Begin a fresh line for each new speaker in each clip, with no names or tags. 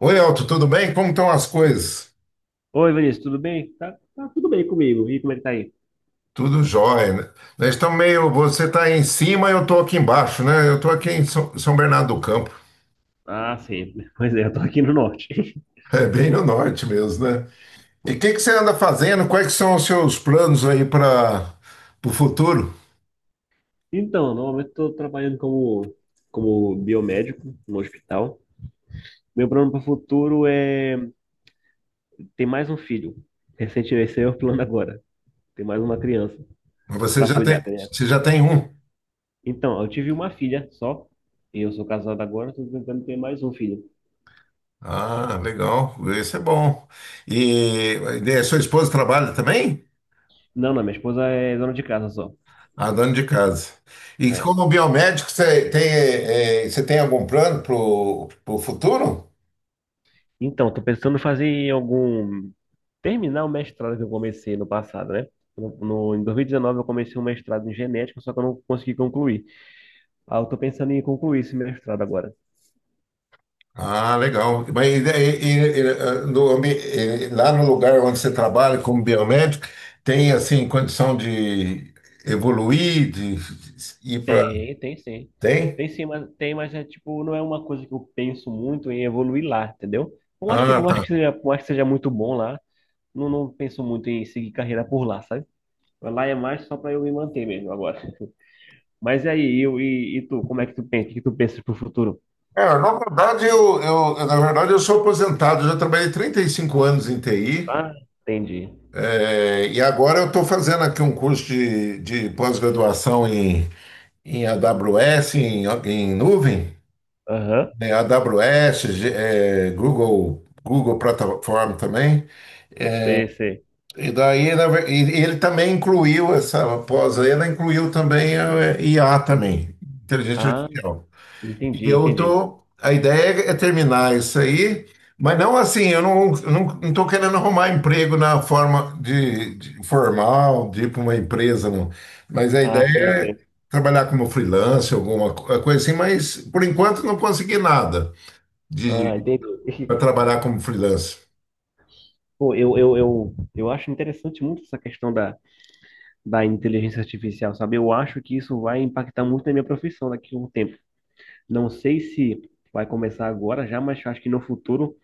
Oi, Elton, tudo bem? Como estão as coisas?
Oi, Vinícius, tudo bem? Tá, tudo bem comigo. E como é que tá aí?
Tudo jóia, né? Nós estamos meio. Você está em cima, eu estou aqui embaixo, né? Eu estou aqui em São Bernardo do Campo.
Ah, sim. Pois é, eu tô aqui no norte.
É bem no norte mesmo, né? E o que que você anda fazendo? Quais que são os seus planos aí para o futuro?
Então, normalmente estou trabalhando como biomédico no hospital. Meu plano para o futuro é ter mais um filho. Recentemente, esse é o plano agora. Ter mais uma criança para cuidar, né?
Você já tem um.
Então, eu tive uma filha só. E eu sou casado agora, estou tentando ter mais um filho.
Ah, legal. Isso é bom. E, e a sua esposa trabalha também?
Não, não, minha esposa é dona de casa só.
Ah, dona de casa. E
É.
como biomédico, você tem algum plano para o futuro?
Então, estou pensando em fazer algum terminar o mestrado que eu comecei no passado, né? Em 2019 eu comecei um mestrado em genética, só que eu não consegui concluir. Ah, eu tô pensando em concluir esse mestrado agora.
Ah, legal. Lá no lugar onde você trabalha como biomédico, tem assim condição de evoluir, de ir para.
Tem, tem sim.
Tem?
Tem sim, mas tem, mas é tipo, não é uma coisa que eu penso muito em evoluir lá, entendeu? Eu acho que,
Ah, tá.
por mais que seja muito bom lá, não, não penso muito em seguir carreira por lá, sabe? Lá é mais só pra eu me manter mesmo agora. Mas e aí, e tu, como é que tu pensa? O que tu pensas pro futuro?
Na verdade, eu sou aposentado, eu já trabalhei 35 anos em TI,
Ah, entendi.
e agora eu estou fazendo aqui um curso de pós-graduação em AWS, em nuvem,
Aham,
né, AWS, Google Plataforma também.
sei, sei.
E daí na ver- e ele também incluiu essa pós-lenda, incluiu também a IA também, inteligência
Ah,
artificial.
entendi,
E eu
entendi.
tô, a ideia é terminar isso aí, mas não assim, eu não estou querendo arrumar emprego na forma de formal, de ir para uma empresa, não. Mas a ideia
Ah, sim,
é
sim.
trabalhar como freelancer, coisa assim, mas por enquanto não consegui nada
Ah,
de
entendi.
para trabalhar como freelancer.
Pô, eu acho interessante muito essa questão da inteligência artificial, sabe? Eu acho que isso vai impactar muito na minha profissão daqui a um tempo. Não sei se vai começar agora já, mas acho que no futuro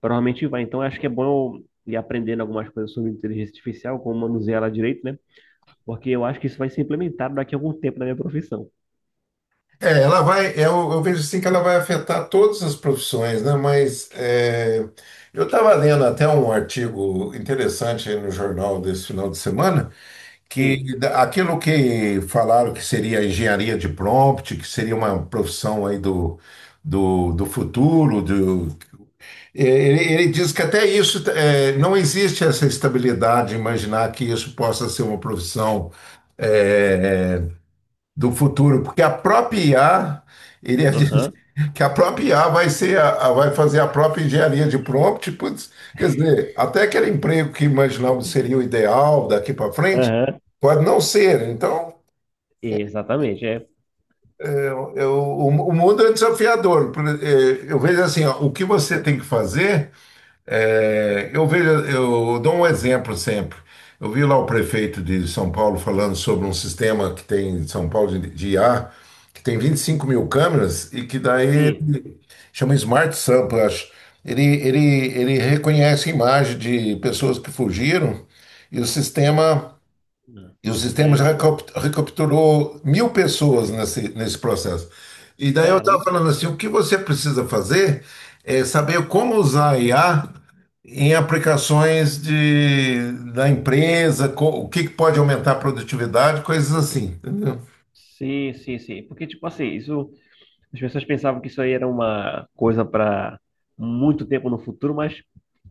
provavelmente vai. Então, acho que é bom eu ir aprendendo algumas coisas sobre inteligência artificial, como manusear ela direito, né? Porque eu acho que isso vai ser implementado daqui a algum tempo na minha profissão.
É, ela vai, eu vejo assim que ela vai afetar todas as profissões, né? Mas é, eu estava lendo até um artigo interessante aí no jornal desse final de semana,
Sim.
aquilo que falaram que seria a engenharia de prompt, que seria uma profissão aí do futuro, é, ele diz que até isso é, não existe essa estabilidade, imaginar que isso possa ser uma profissão. É, do futuro, porque a própria IA, ele ia dizer
Aham,
que a própria IA vai ser vai fazer a própria engenharia de prompt, putz, quer dizer, até aquele emprego que imaginávamos seria o ideal daqui para frente,
aham.
pode não ser. Então,
Exatamente, é.
é, o mundo é desafiador. Eu vejo assim, ó, o que você tem que fazer eu vejo, eu dou um exemplo sempre. Eu vi lá o prefeito de São Paulo falando sobre um sistema que tem em São Paulo de IA, que tem 25 mil câmeras e que daí
Sim.
ele chama Smart Sampa, eu acho. Ele reconhece imagem de pessoas que fugiram e o sistema e o sistema
Sim,
já
sim.
recapturou 1.000 pessoas nesse processo. E daí eu estava
Caramba.
falando assim, o que você precisa fazer é saber como usar a IA em aplicações da empresa, o que que pode aumentar a produtividade, coisas assim, entendeu?
Sim, sim, sim. Porque, tipo assim, isso, as pessoas pensavam que isso aí era uma coisa para muito tempo no futuro, mas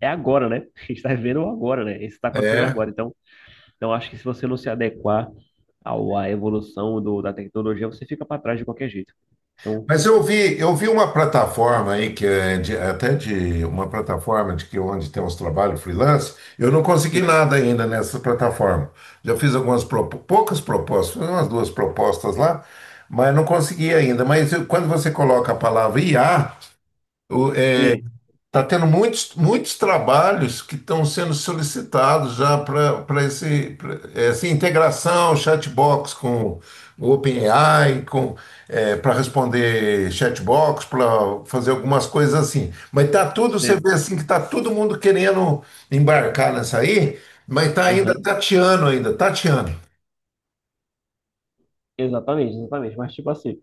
é agora, né? A gente está vivendo o agora, né? Isso está acontecendo
É.
agora. Então, então, acho que se você não se adequar à evolução da tecnologia, você fica para trás de qualquer jeito. Então,
Mas eu vi uma plataforma aí que é até de uma plataforma de que onde tem uns trabalhos freelance. Eu não consegui
sim,
nada ainda nessa plataforma. Já fiz algumas poucas propostas, fiz umas duas propostas lá, mas não consegui ainda. Quando você coloca a palavra IA,
sim,
está tendo muitos trabalhos que estão sendo solicitados já para pra essa integração chatbox com o OpenAI, com, para responder chatbox, para fazer algumas coisas assim. Mas tá tudo, você vê
sim.
assim que tá todo mundo querendo embarcar nessa aí, mas tá ainda
Aham.
tateando ainda, tateando.
Exatamente, exatamente. Mas, tipo assim,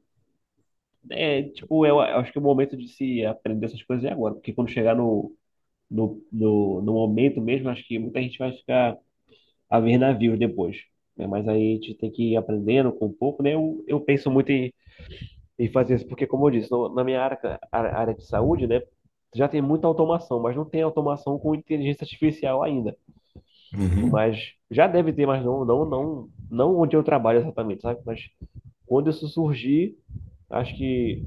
é, tipo, eu acho que é o momento de se aprender essas coisas é agora. Porque quando chegar no momento mesmo, acho que muita gente vai ficar haver navios depois, né? Mas aí a gente tem que ir aprendendo com um pouco, né? Eu penso muito em fazer isso, porque, como eu disse, na minha área, área de saúde, né? Já tem muita automação, mas não tem automação com inteligência artificial ainda.
Uhum.
Mas já deve ter, mas não onde eu trabalho exatamente, sabe? Mas quando isso surgir, acho que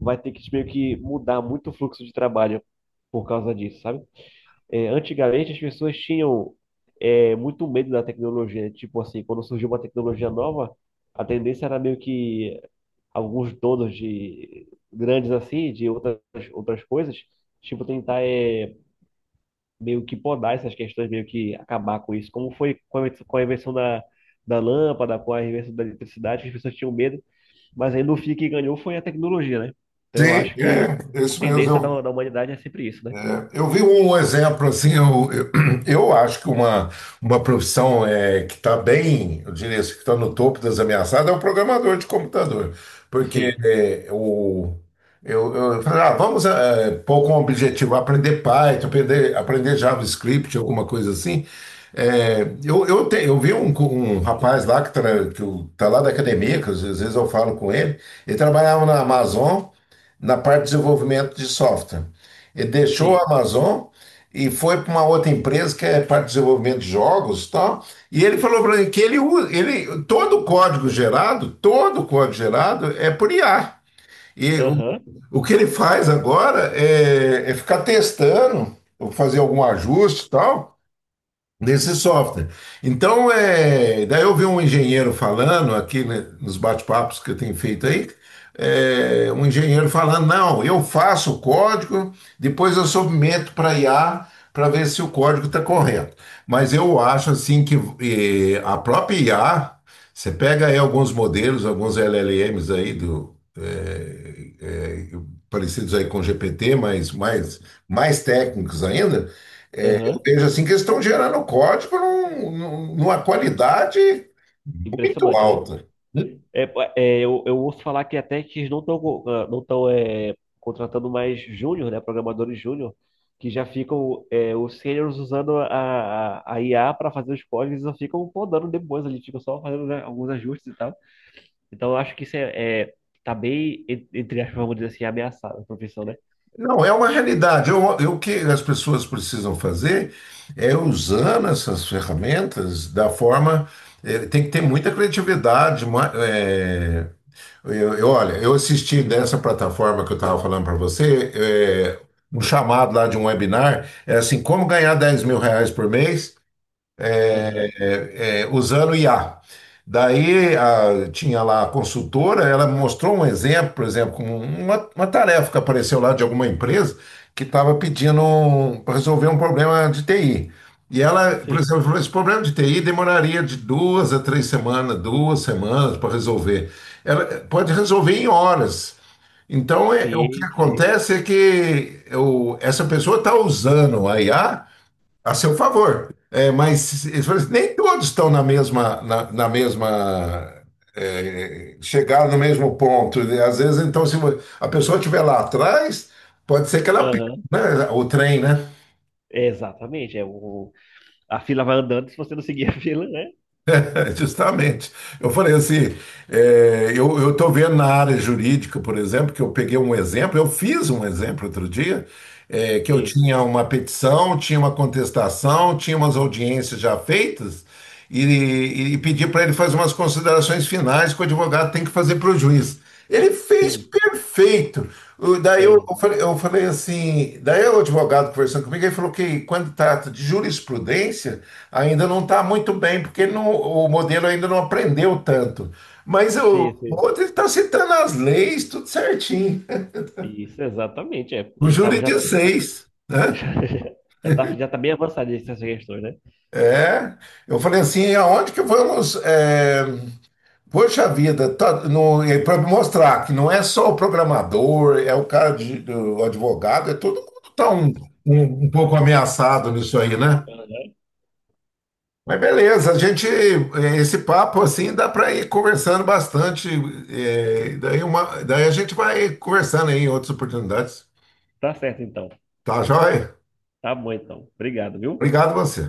vai ter que meio que mudar muito o fluxo de trabalho por causa disso, sabe? É, antigamente as pessoas tinham é, muito medo da tecnologia, né? Tipo assim, quando surgiu uma tecnologia nova, a tendência era meio que alguns donos de grandes assim, de outras, outras coisas, tipo tentar meio que podar essas questões, meio que acabar com isso. Como foi com a invenção da lâmpada, com a invenção da eletricidade, que as pessoas tinham medo, mas aí no fim que ganhou foi a tecnologia, né? Então eu
Sim,
acho que
é,
a
isso
tendência
mesmo.
da humanidade é sempre isso, né?
É, eu vi um exemplo assim, eu acho que uma profissão é, que está bem, eu diria assim, que está no topo das ameaçadas é o programador de computador, porque
Sim,
eu falei, ah, vamos é, pôr como objetivo aprender Python, aprender JavaScript, alguma coisa assim. É, eu vi um, um rapaz lá que está lá da academia, que às vezes eu falo com ele, ele trabalhava na Amazon, na parte de desenvolvimento de software. Ele deixou
sim.
a Amazon e foi para uma outra empresa que é parte de desenvolvimento de jogos e tal. E ele falou para mim que ele todo o código gerado, todo o código gerado é por IA. E o,
Aham,
o que ele faz agora é ficar testando, ou fazer algum ajuste e tal, desse software. Então, é, daí eu vi um engenheiro falando aqui, né, nos bate-papos que eu tenho feito aí, é, um engenheiro falando, não, eu faço o código, depois eu submeto para IA para ver se o código está correto. Mas eu acho assim que a própria IA, você pega aí alguns modelos, alguns LLMs aí parecidos aí com GPT, mas mais técnicos ainda.
aham.
Veja assim, que eles estão gerando código numa qualidade muito
Impressionante, né?
alta.
É, é, eu ouço falar que até que eles não estão é, contratando mais júnior, né? Programadores júnior, que já ficam é, os seniors usando a IA para fazer os códigos e só ficam podando depois, eles ficam só fazendo, né, alguns ajustes e tal. Então eu acho que é tá bem, en- entre aspas, vamos dizer assim, ameaçada a profissão, né?
Não, é uma realidade. O que as pessoas precisam fazer é usando essas ferramentas da forma. Tem que ter muita criatividade. Olha, eu assisti dessa plataforma que eu estava falando para você, eh, um chamado lá de um webinar, é assim, como ganhar R$ 10.000 por mês
Aham.
usando IA. Tinha lá a consultora, ela mostrou um exemplo, por exemplo, como uma tarefa que apareceu lá de alguma empresa que estava pedindo para resolver um problema de TI. E ela, por
Sim,
exemplo, falou: esse problema de TI demoraria de 2 a 3 semanas, 2 semanas para resolver. Ela pode resolver em horas. Então, o que
sim, sim.
acontece é que essa pessoa está usando a IA a seu favor. É, mas eles falam assim, nem todos estão na mesma, na mesma é, chegaram no mesmo ponto. Né? Às vezes, então, se a pessoa estiver lá atrás, pode ser que ela perca,
Aham.
né, o trem, né?
É, exatamente. É, o, a fila vai andando se você não seguir a fila, né?
Justamente. Eu falei assim, é, eu estou vendo na área jurídica, por exemplo, que eu peguei um exemplo, eu fiz um exemplo outro dia, é, que eu
Sim,
tinha uma petição, tinha uma contestação, tinha umas audiências já feitas, e pedi para ele fazer umas considerações finais que o advogado tem que fazer para o juiz. Ele fez
sim.
perfeito. Eu falei,
Exato.
daí o advogado conversando comigo, ele falou que quando trata de jurisprudência, ainda não está muito bem, porque ele não- o modelo ainda não aprendeu tanto. Mas o
Sim, sim.
outro ele está citando as leis, tudo certinho.
Isso, exatamente. É.
O
Ele tava,
júri
já,
de seis, né?
já, já tá bem avançado nessas questões, né?
É. Eu falei assim, aonde que vamos? É, poxa vida, tá, no, é para mostrar que não é só o programador, é o cara de, o advogado, é todo mundo tá um pouco ameaçado nisso aí, né?
Aham.
Mas beleza, esse papo assim dá para ir conversando bastante, daí a gente vai conversando aí em outras oportunidades.
Tá certo, então.
Tá, joia?
Tá bom, então. Obrigado, viu?
Obrigado a você.